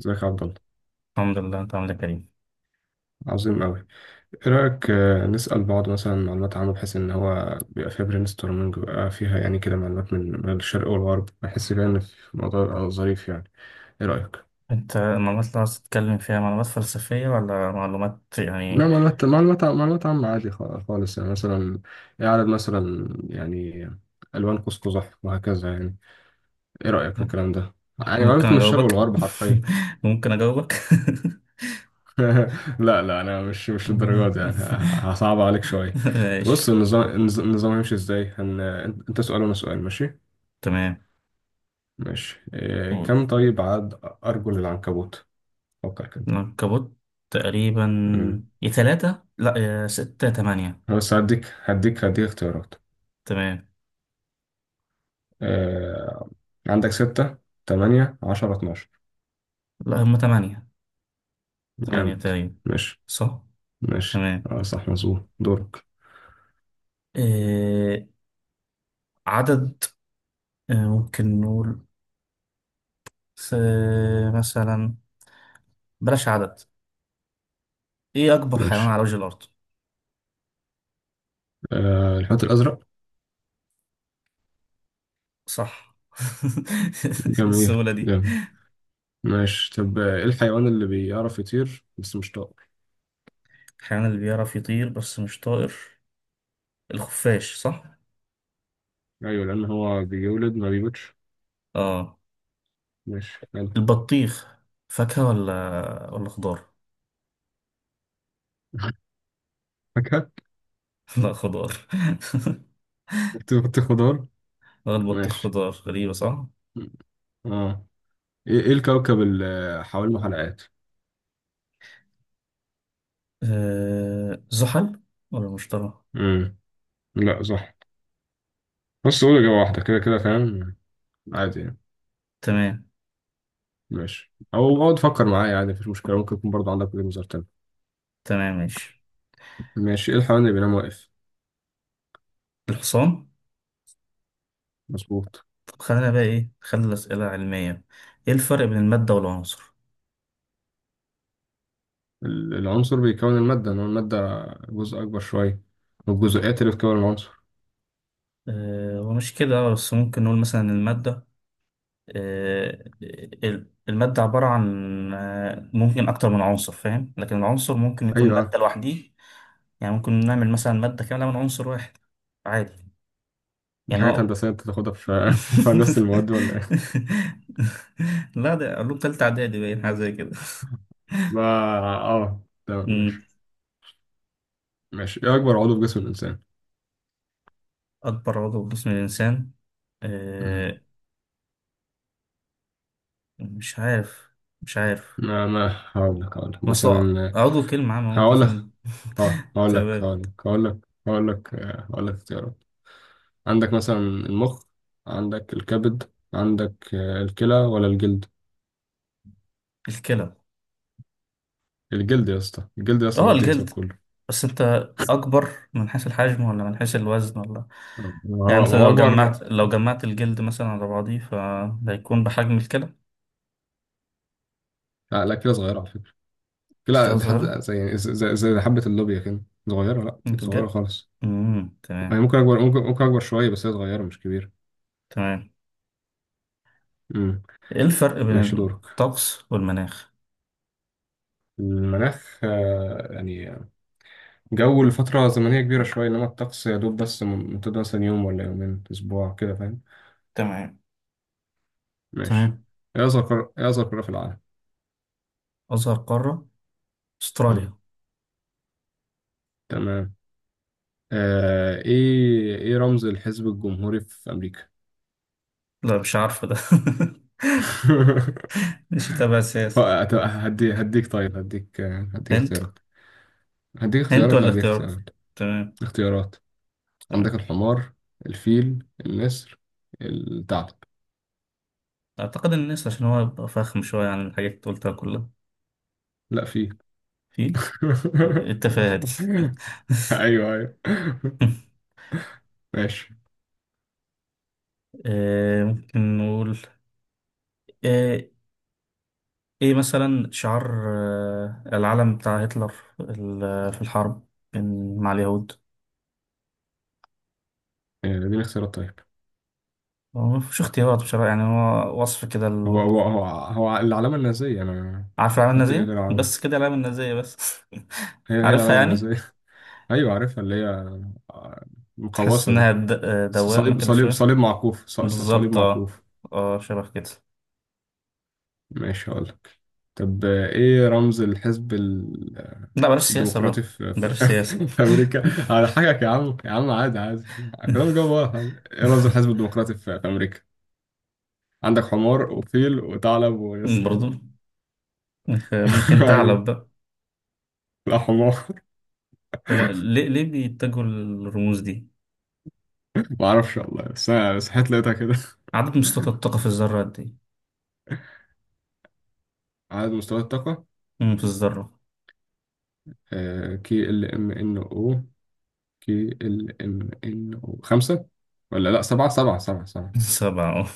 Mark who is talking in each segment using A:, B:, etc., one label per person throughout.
A: ازيك يا عبد الله؟
B: الحمد لله، انت عامل ايه يا كريم؟
A: عظيم أوي. إيه رأيك، نسأل بعض مثلا معلومات عامة، بحيث إن هو بيبقى فيها برين ستورمنج، بيبقى فيها يعني كده معلومات من الشرق والغرب. بحس كده إن في موضوع يبقى ظريف يعني. إيه رأيك؟
B: انت المعلومات اللي عاوز تتكلم فيها معلومات فلسفية ولا معلومات يعني
A: لا، معلومات عامة عادي، خالص يعني. مثلا إيه عدد مثلا يعني ألوان قوس قزح وهكذا يعني. إيه رأيك في الكلام ده؟ يعني
B: ممكن
A: معلومات من الشرق
B: اجاوبك.
A: والغرب حرفيا.
B: ممكن اجاوبك.
A: لا لا، انا مش للدرجه دي يعني، هصعب عليك شويه.
B: ماشي.
A: بص، النظام النظام هيمشي ازاي، هن... انت سؤال وانا سؤال، ماشي؟
B: تمام.
A: ماشي، إيه...
B: قول.
A: كم طيب عدد ارجل العنكبوت؟ فكر كده.
B: العنكبوت تقريبا
A: مم.
B: يا ثلاثة لا يا ستة يا تمانية.
A: أنا بس هديك اختيارات.
B: تمام.
A: آه... عندك ستة، تمانية، 10، 12.
B: لا هم تمانية. تمانية
A: جامد.
B: تقريبا.
A: ماشي.
B: صح.
A: ماشي،
B: تمام.
A: صح، مظبوط، دورك.
B: إيه عدد اه، ممكن نقول س- مثلا بلاش عدد. ايه اكبر حيوان
A: ماشي.
B: على وجه الارض؟
A: الحوت الأزرق.
B: صح.
A: جميل،
B: السهولة دي.
A: جامد. ماشي طب، ايه الحيوان اللي بيعرف يطير بس مش طائر؟
B: الحيوان اللي بيعرف يطير بس مش طائر الخفاش صح؟
A: ايوه، لان هو بيولد ما بيموتش.
B: اه.
A: ماشي، حلو.
B: البطيخ فاكهة ولا خضار؟
A: فاكهة.
B: لا خضار.
A: خضار.
B: البطيخ
A: ماشي،
B: خضار، غريبة صح؟
A: اه. ايه الكوكب اللي حوالينه حلقات؟
B: زحل ولا مشتري؟
A: امم لا صح، بس قول اجابة واحدة كده، كده فاهم، عادي يعني.
B: تمام.
A: ماشي، او اقعد تفكر معايا عادي، مفيش مشكلة، ممكن يكون برضه عندك وجهة نظر تاني.
B: تمام ماشي.
A: ماشي، ايه الحيوان اللي بينام واقف؟
B: الحصان.
A: مظبوط.
B: طب خلينا بقى ايه، خلي الأسئلة علمية. ايه الفرق بين المادة والعنصر؟
A: العنصر بيكون المادة، انما المادة جزء اكبر شوية، والجزيئات اللي بتكون العنصر.
B: ومش كده بس، ممكن نقول مثلا المادة، آه، المادة عبارة عن ممكن أكتر من عنصر فاهم، لكن العنصر ممكن يكون
A: ايوه،
B: مادة لوحديه. يعني ممكن نعمل مثلا مادة كاملة من عنصر واحد عادي.
A: دي
B: يعني
A: حاجات
B: هو
A: هندسية انت تاخدها في في هندسة المواد ولا إيه؟
B: لا ده علوم تالتة إعدادي، باين حاجة زي كده.
A: ما، اه، تمام.
B: أمم،
A: ماشي. ماشي، ايه اكبر عضو في جسم الانسان؟
B: أكبر عضو في جسم الإنسان،
A: مم.
B: آه، مش عارف. مش عارف.
A: ما هقول لك
B: مثلا
A: مثلا.
B: عضو كلمة عامة، ممكن
A: هقول لك
B: مثلا
A: اه هقول لك
B: تمام.
A: هقول لك هقول لك هقول لك اختيارات. عندك مثلا المخ، عندك الكبد، عندك الكلى، ولا الجلد؟
B: الكلى.
A: الجلد يا اسطى، الجلد يا اسطى،
B: اه
A: مغطي جسمك
B: الجلد.
A: كله.
B: بس انت اكبر من حيث الحجم ولا من حيث الوزن
A: ما
B: يعني
A: هو،
B: مثلا
A: ما هو
B: لو
A: اكبر.
B: جمعت لو جمعت الجلد مثلا على بعضيه فده هيكون بحجم الكلى.
A: لا لا، كده صغيره على فكره. كده
B: الكلى
A: دي حد
B: صغيرة؟
A: زي يعني زي حبه اللوبيا كده. صغيره، لا
B: انت
A: صغيره
B: بجد.
A: خالص. يعني
B: تمام.
A: ممكن اكبر، ممكن اكبر شويه، بس هي صغيره مش كبيره.
B: تمام.
A: امم
B: ايه الفرق بين
A: ماشي، دورك.
B: الطقس والمناخ؟
A: المناخ يعني جو لفترة زمنية كبيرة شوية، إنما الطقس يا دوب بس ممتد مثلا يوم ولا يومين، أسبوع كده فاهم.
B: تمام.
A: ماشي.
B: تمام.
A: إيه أصغر قارة في العالم؟
B: اصغر قارة استراليا.
A: مم. تمام. إيه رمز الحزب الجمهوري في أمريكا؟
B: لا مش عارفة ده. مش تابع السياسة.
A: طب هديك، طيب هديك، هديك
B: هند.
A: اختيارات. هديك
B: هند
A: اختيارات، لا
B: ولا
A: هديك
B: اختيارات؟
A: اختيارات
B: تمام.
A: اختيارات عندك
B: تمام.
A: الحمار، الفيل، النسر، الثعلب.
B: اعتقد الناس، عشان هو يبقى فخم شوية عن الحاجات اللي قلتها كلها.
A: لا، فيل.
B: فيل. التفاهة دي.
A: ايوه، ايوه. ماشي.
B: ممكن نقول آه، ايه مثلا شعار العلم بتاع هتلر في الحرب مع اليهود.
A: دي الاختيارات؟ طيب،
B: هو مفيش اختيارات بصراحة، يعني هو وصف كده
A: هو هو هو هو العلامة النازية. انا
B: عارف العلامة
A: حط ايه غير
B: النازية
A: العلامة؟
B: بس، كده العلامة النازية بس.
A: هي هي
B: عارفها
A: العلامة
B: يعني.
A: النازية. ايوه عارفها، اللي هي آه،
B: تحس
A: المقوسة دي.
B: انها دوامة كده شوية.
A: صليب
B: بالظبط اه.
A: معكوف.
B: اه شبه كده.
A: ماشي. هقول لك طب، ايه رمز الحزب
B: لا بلاش سياسة بقى.
A: الديمقراطي
B: بلاش سياسة.
A: في امريكا على حاجة، يا عم يا عم، عادي عادي، كلام جواب واحد. ايه رمز الحزب الديمقراطي في امريكا؟ عندك حمار وفيل وثعلب ويسرى.
B: برضو ممكن ثعلب
A: ايوه،
B: بقى.
A: لا حمار.
B: هو ليه ليه بيتجهوا للرموز دي؟
A: ما اعرفش والله، بس انا صحيت لقيتها كده.
B: عدد مستويات الطاقة في الذرة قد إيه؟
A: عدد مستويات الطاقة
B: في الذرة.
A: كي ال ام ان او KLMNO، خمسة، ولا لا سبعة، سبعة، سبعة، سبعة.
B: سبعة أه.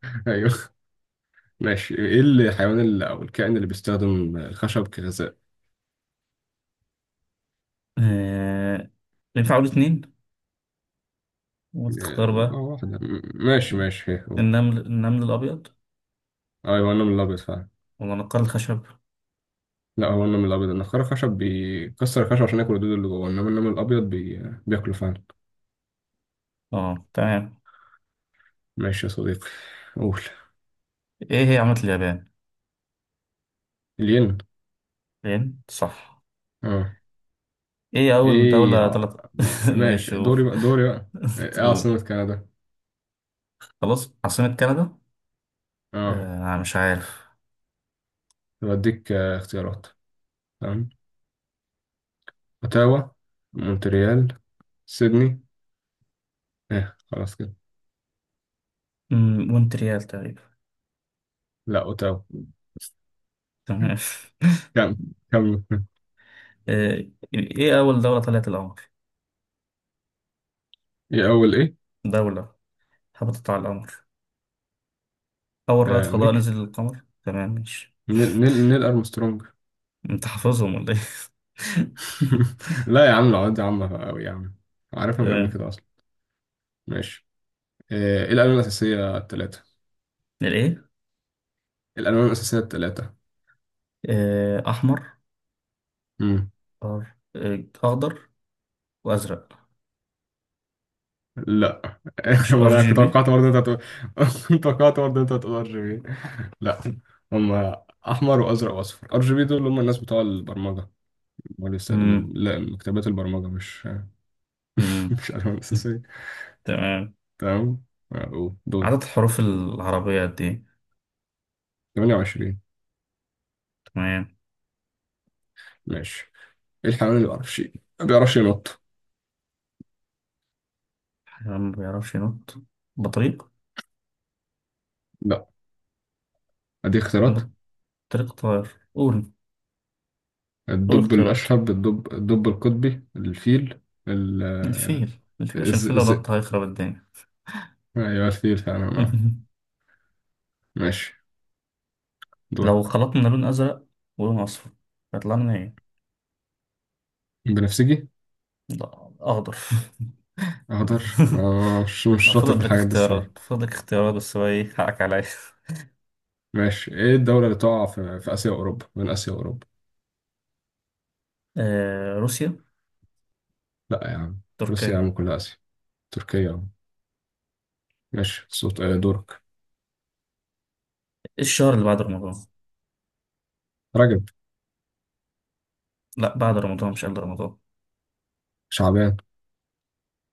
A: ايوه. ماشي، ايه الحيوان اللي او الكائن اللي بيستخدم الخشب كغذاء؟
B: آه، ينفع أقول اتنين وتختار
A: لا
B: بقى؟
A: واحدة، ماشي. ماشي، هي هو.
B: النمل النمل الأبيض
A: ايوه النمل الابيض فعلا.
B: ولا نقار الخشب؟
A: لا، هو النمل الابيض، النخاع الخشب بيكسر الخشب عشان ياكل الدود اللي جوه، انما النمل الابيض بي... بياكله فعلا.
B: أه تمام.
A: ماشي يا صديقي. قول.
B: إيه هي عملة اليابان؟
A: الين.
B: الين صح.
A: اه،
B: إيه أول دولة طلعت ماشي
A: ماشي، دوري بقى، دوري بقى. ايه
B: تقول.
A: عاصمة كندا؟
B: خلاص عاصمة كندا؟
A: اه،
B: آه أنا مش عارف.
A: بديك اختيارات. تمام. اوتاوا، مونتريال، سيدني، ايه، خلاص كده.
B: مم، مونتريال تقريبا.
A: لا، اوتاوا.
B: تمام.
A: كم كم.
B: آه، إيه أول دولة طلعت القمر؟
A: ايه اول ايه
B: دولة هبطت على القمر. أول رائد
A: آه
B: فضاء
A: امريكا.
B: نزل للقمر. تمام ماشي.
A: نيل ارمسترونج.
B: أنت حافظهم ولا إيه؟
A: لا يا عم، العواد دي عامة قوي يا عم، عارفها من قبل
B: تمام.
A: كده اصلا. ماشي. ايه الالوان الاساسية الثلاثة؟
B: الإيه؟
A: الالوان الاساسية الثلاثة.
B: أحمر، أر... آه، أخضر وأزرق.
A: لا.
B: مش ار
A: ما انا
B: جي
A: كنت
B: بي؟
A: توقعت برضه انت هتقول. كنت توقعت برضه انت هتقول RGB. لا، هم احمر وازرق واصفر. RGB دول هم الناس بتوع البرمجه، هم اللي
B: مم.
A: بيستخدموهم، لا مكتبات البرمجه، مش
B: مم.
A: مش الوان اساسيه.
B: تمام.
A: تمام. أقول
B: عدد
A: دورك.
B: الحروف العربية قد إيه؟
A: 28.
B: تمام.
A: ماشي، ايه الحيوان اللي ما بيعرفش ينط؟
B: حيوان ما بيعرفش ينط؟ بطريق.
A: لا، ادي اختيارات.
B: بطريق طائر، قول. قول
A: الدب
B: اختيارات.
A: الاشهب، الدب القطبي، الفيل، ال
B: الفيل. الفيل عشان الفيل لو
A: الذئب.
B: نط هيخرب الدنيا.
A: ايوه الفيل فعلا. ماشي،
B: لو
A: دورك.
B: خلطنا لون أزرق ولون أصفر هيطلع لنا إيه؟
A: بنفسجي.
B: لا أخضر.
A: أقدر، مش شاطر في
B: فضل لك
A: الحاجات دي الصراحة.
B: اختيارات، فضل لك اختيارات بس هو إيه حقك عليا.
A: ماشي، إيه الدولة اللي تقع في آسيا وأوروبا، من آسيا وأوروبا؟
B: آه روسيا.
A: لا يا عم، روسيا يا
B: تركيا.
A: عم كلها آسيا، تركيا يا عم. ماشي، صوت، دورك.
B: الشهر اللي بعد رمضان.
A: رجب.
B: لا بعد رمضان مش قبل رمضان.
A: شعبان.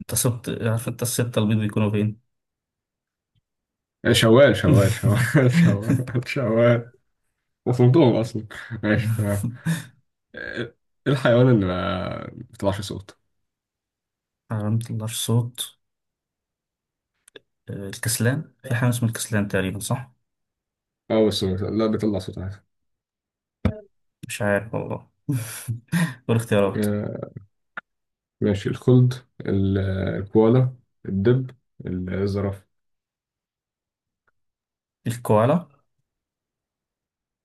B: أنت سبت، عارف أنت الستة البيض بيكونوا فين.
A: إيه، شوال، شوال، شوال، شوال، شوال، وصلتهم أصلا. ماشي، تمام. إيه الحيوان اللي ما بيطلعش صوت؟
B: ما بيطلعش صوت. الكسلان، في حاجة اسمها الكسلان تقريبا صح؟
A: أو بس، لا بيطلع صوت عادي.
B: مش عارف والله. والاختيارات؟
A: آه، ماشي، الخلد، ال- الكوالا، الدب، الزرافة.
B: الكوالا.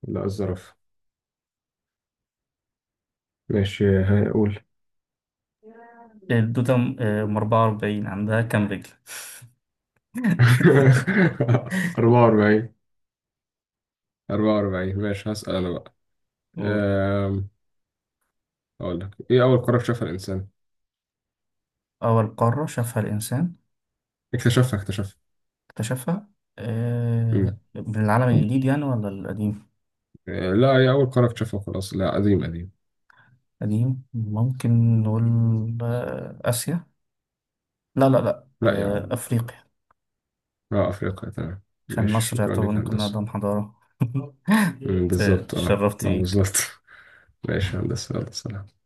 A: لا، الزرافة. ماشي هقول.
B: الدودة. أم 44 عندها كام رجل؟
A: 44. 44، ماشي هسأل أنا بقى.
B: قول.
A: أم، أقول لك، إيه أول قارة اكتشفها الإنسان؟
B: أول قارة شافها الإنسان
A: اكتشفها.
B: اكتشفها؟
A: مم.
B: من العالم الجديد يعني ولا القديم؟
A: لا هي أول قارة اكتشفها خلاص. لا قديم، قديم.
B: قديم ممكن نقول آسيا، لا لا لا
A: لا يا
B: آه،
A: عم،
B: أفريقيا.
A: لا أفريقيا. تمام.
B: عشان
A: ماشي،
B: مصر
A: شكرا
B: يعتبر
A: لك يا
B: ممكن
A: هندسة.
B: أقدم حضارة.
A: بالظبط. أه،
B: تشرفت
A: ما
B: بيك.
A: بالظبط. ماشي يا هندسة، يلا سلام.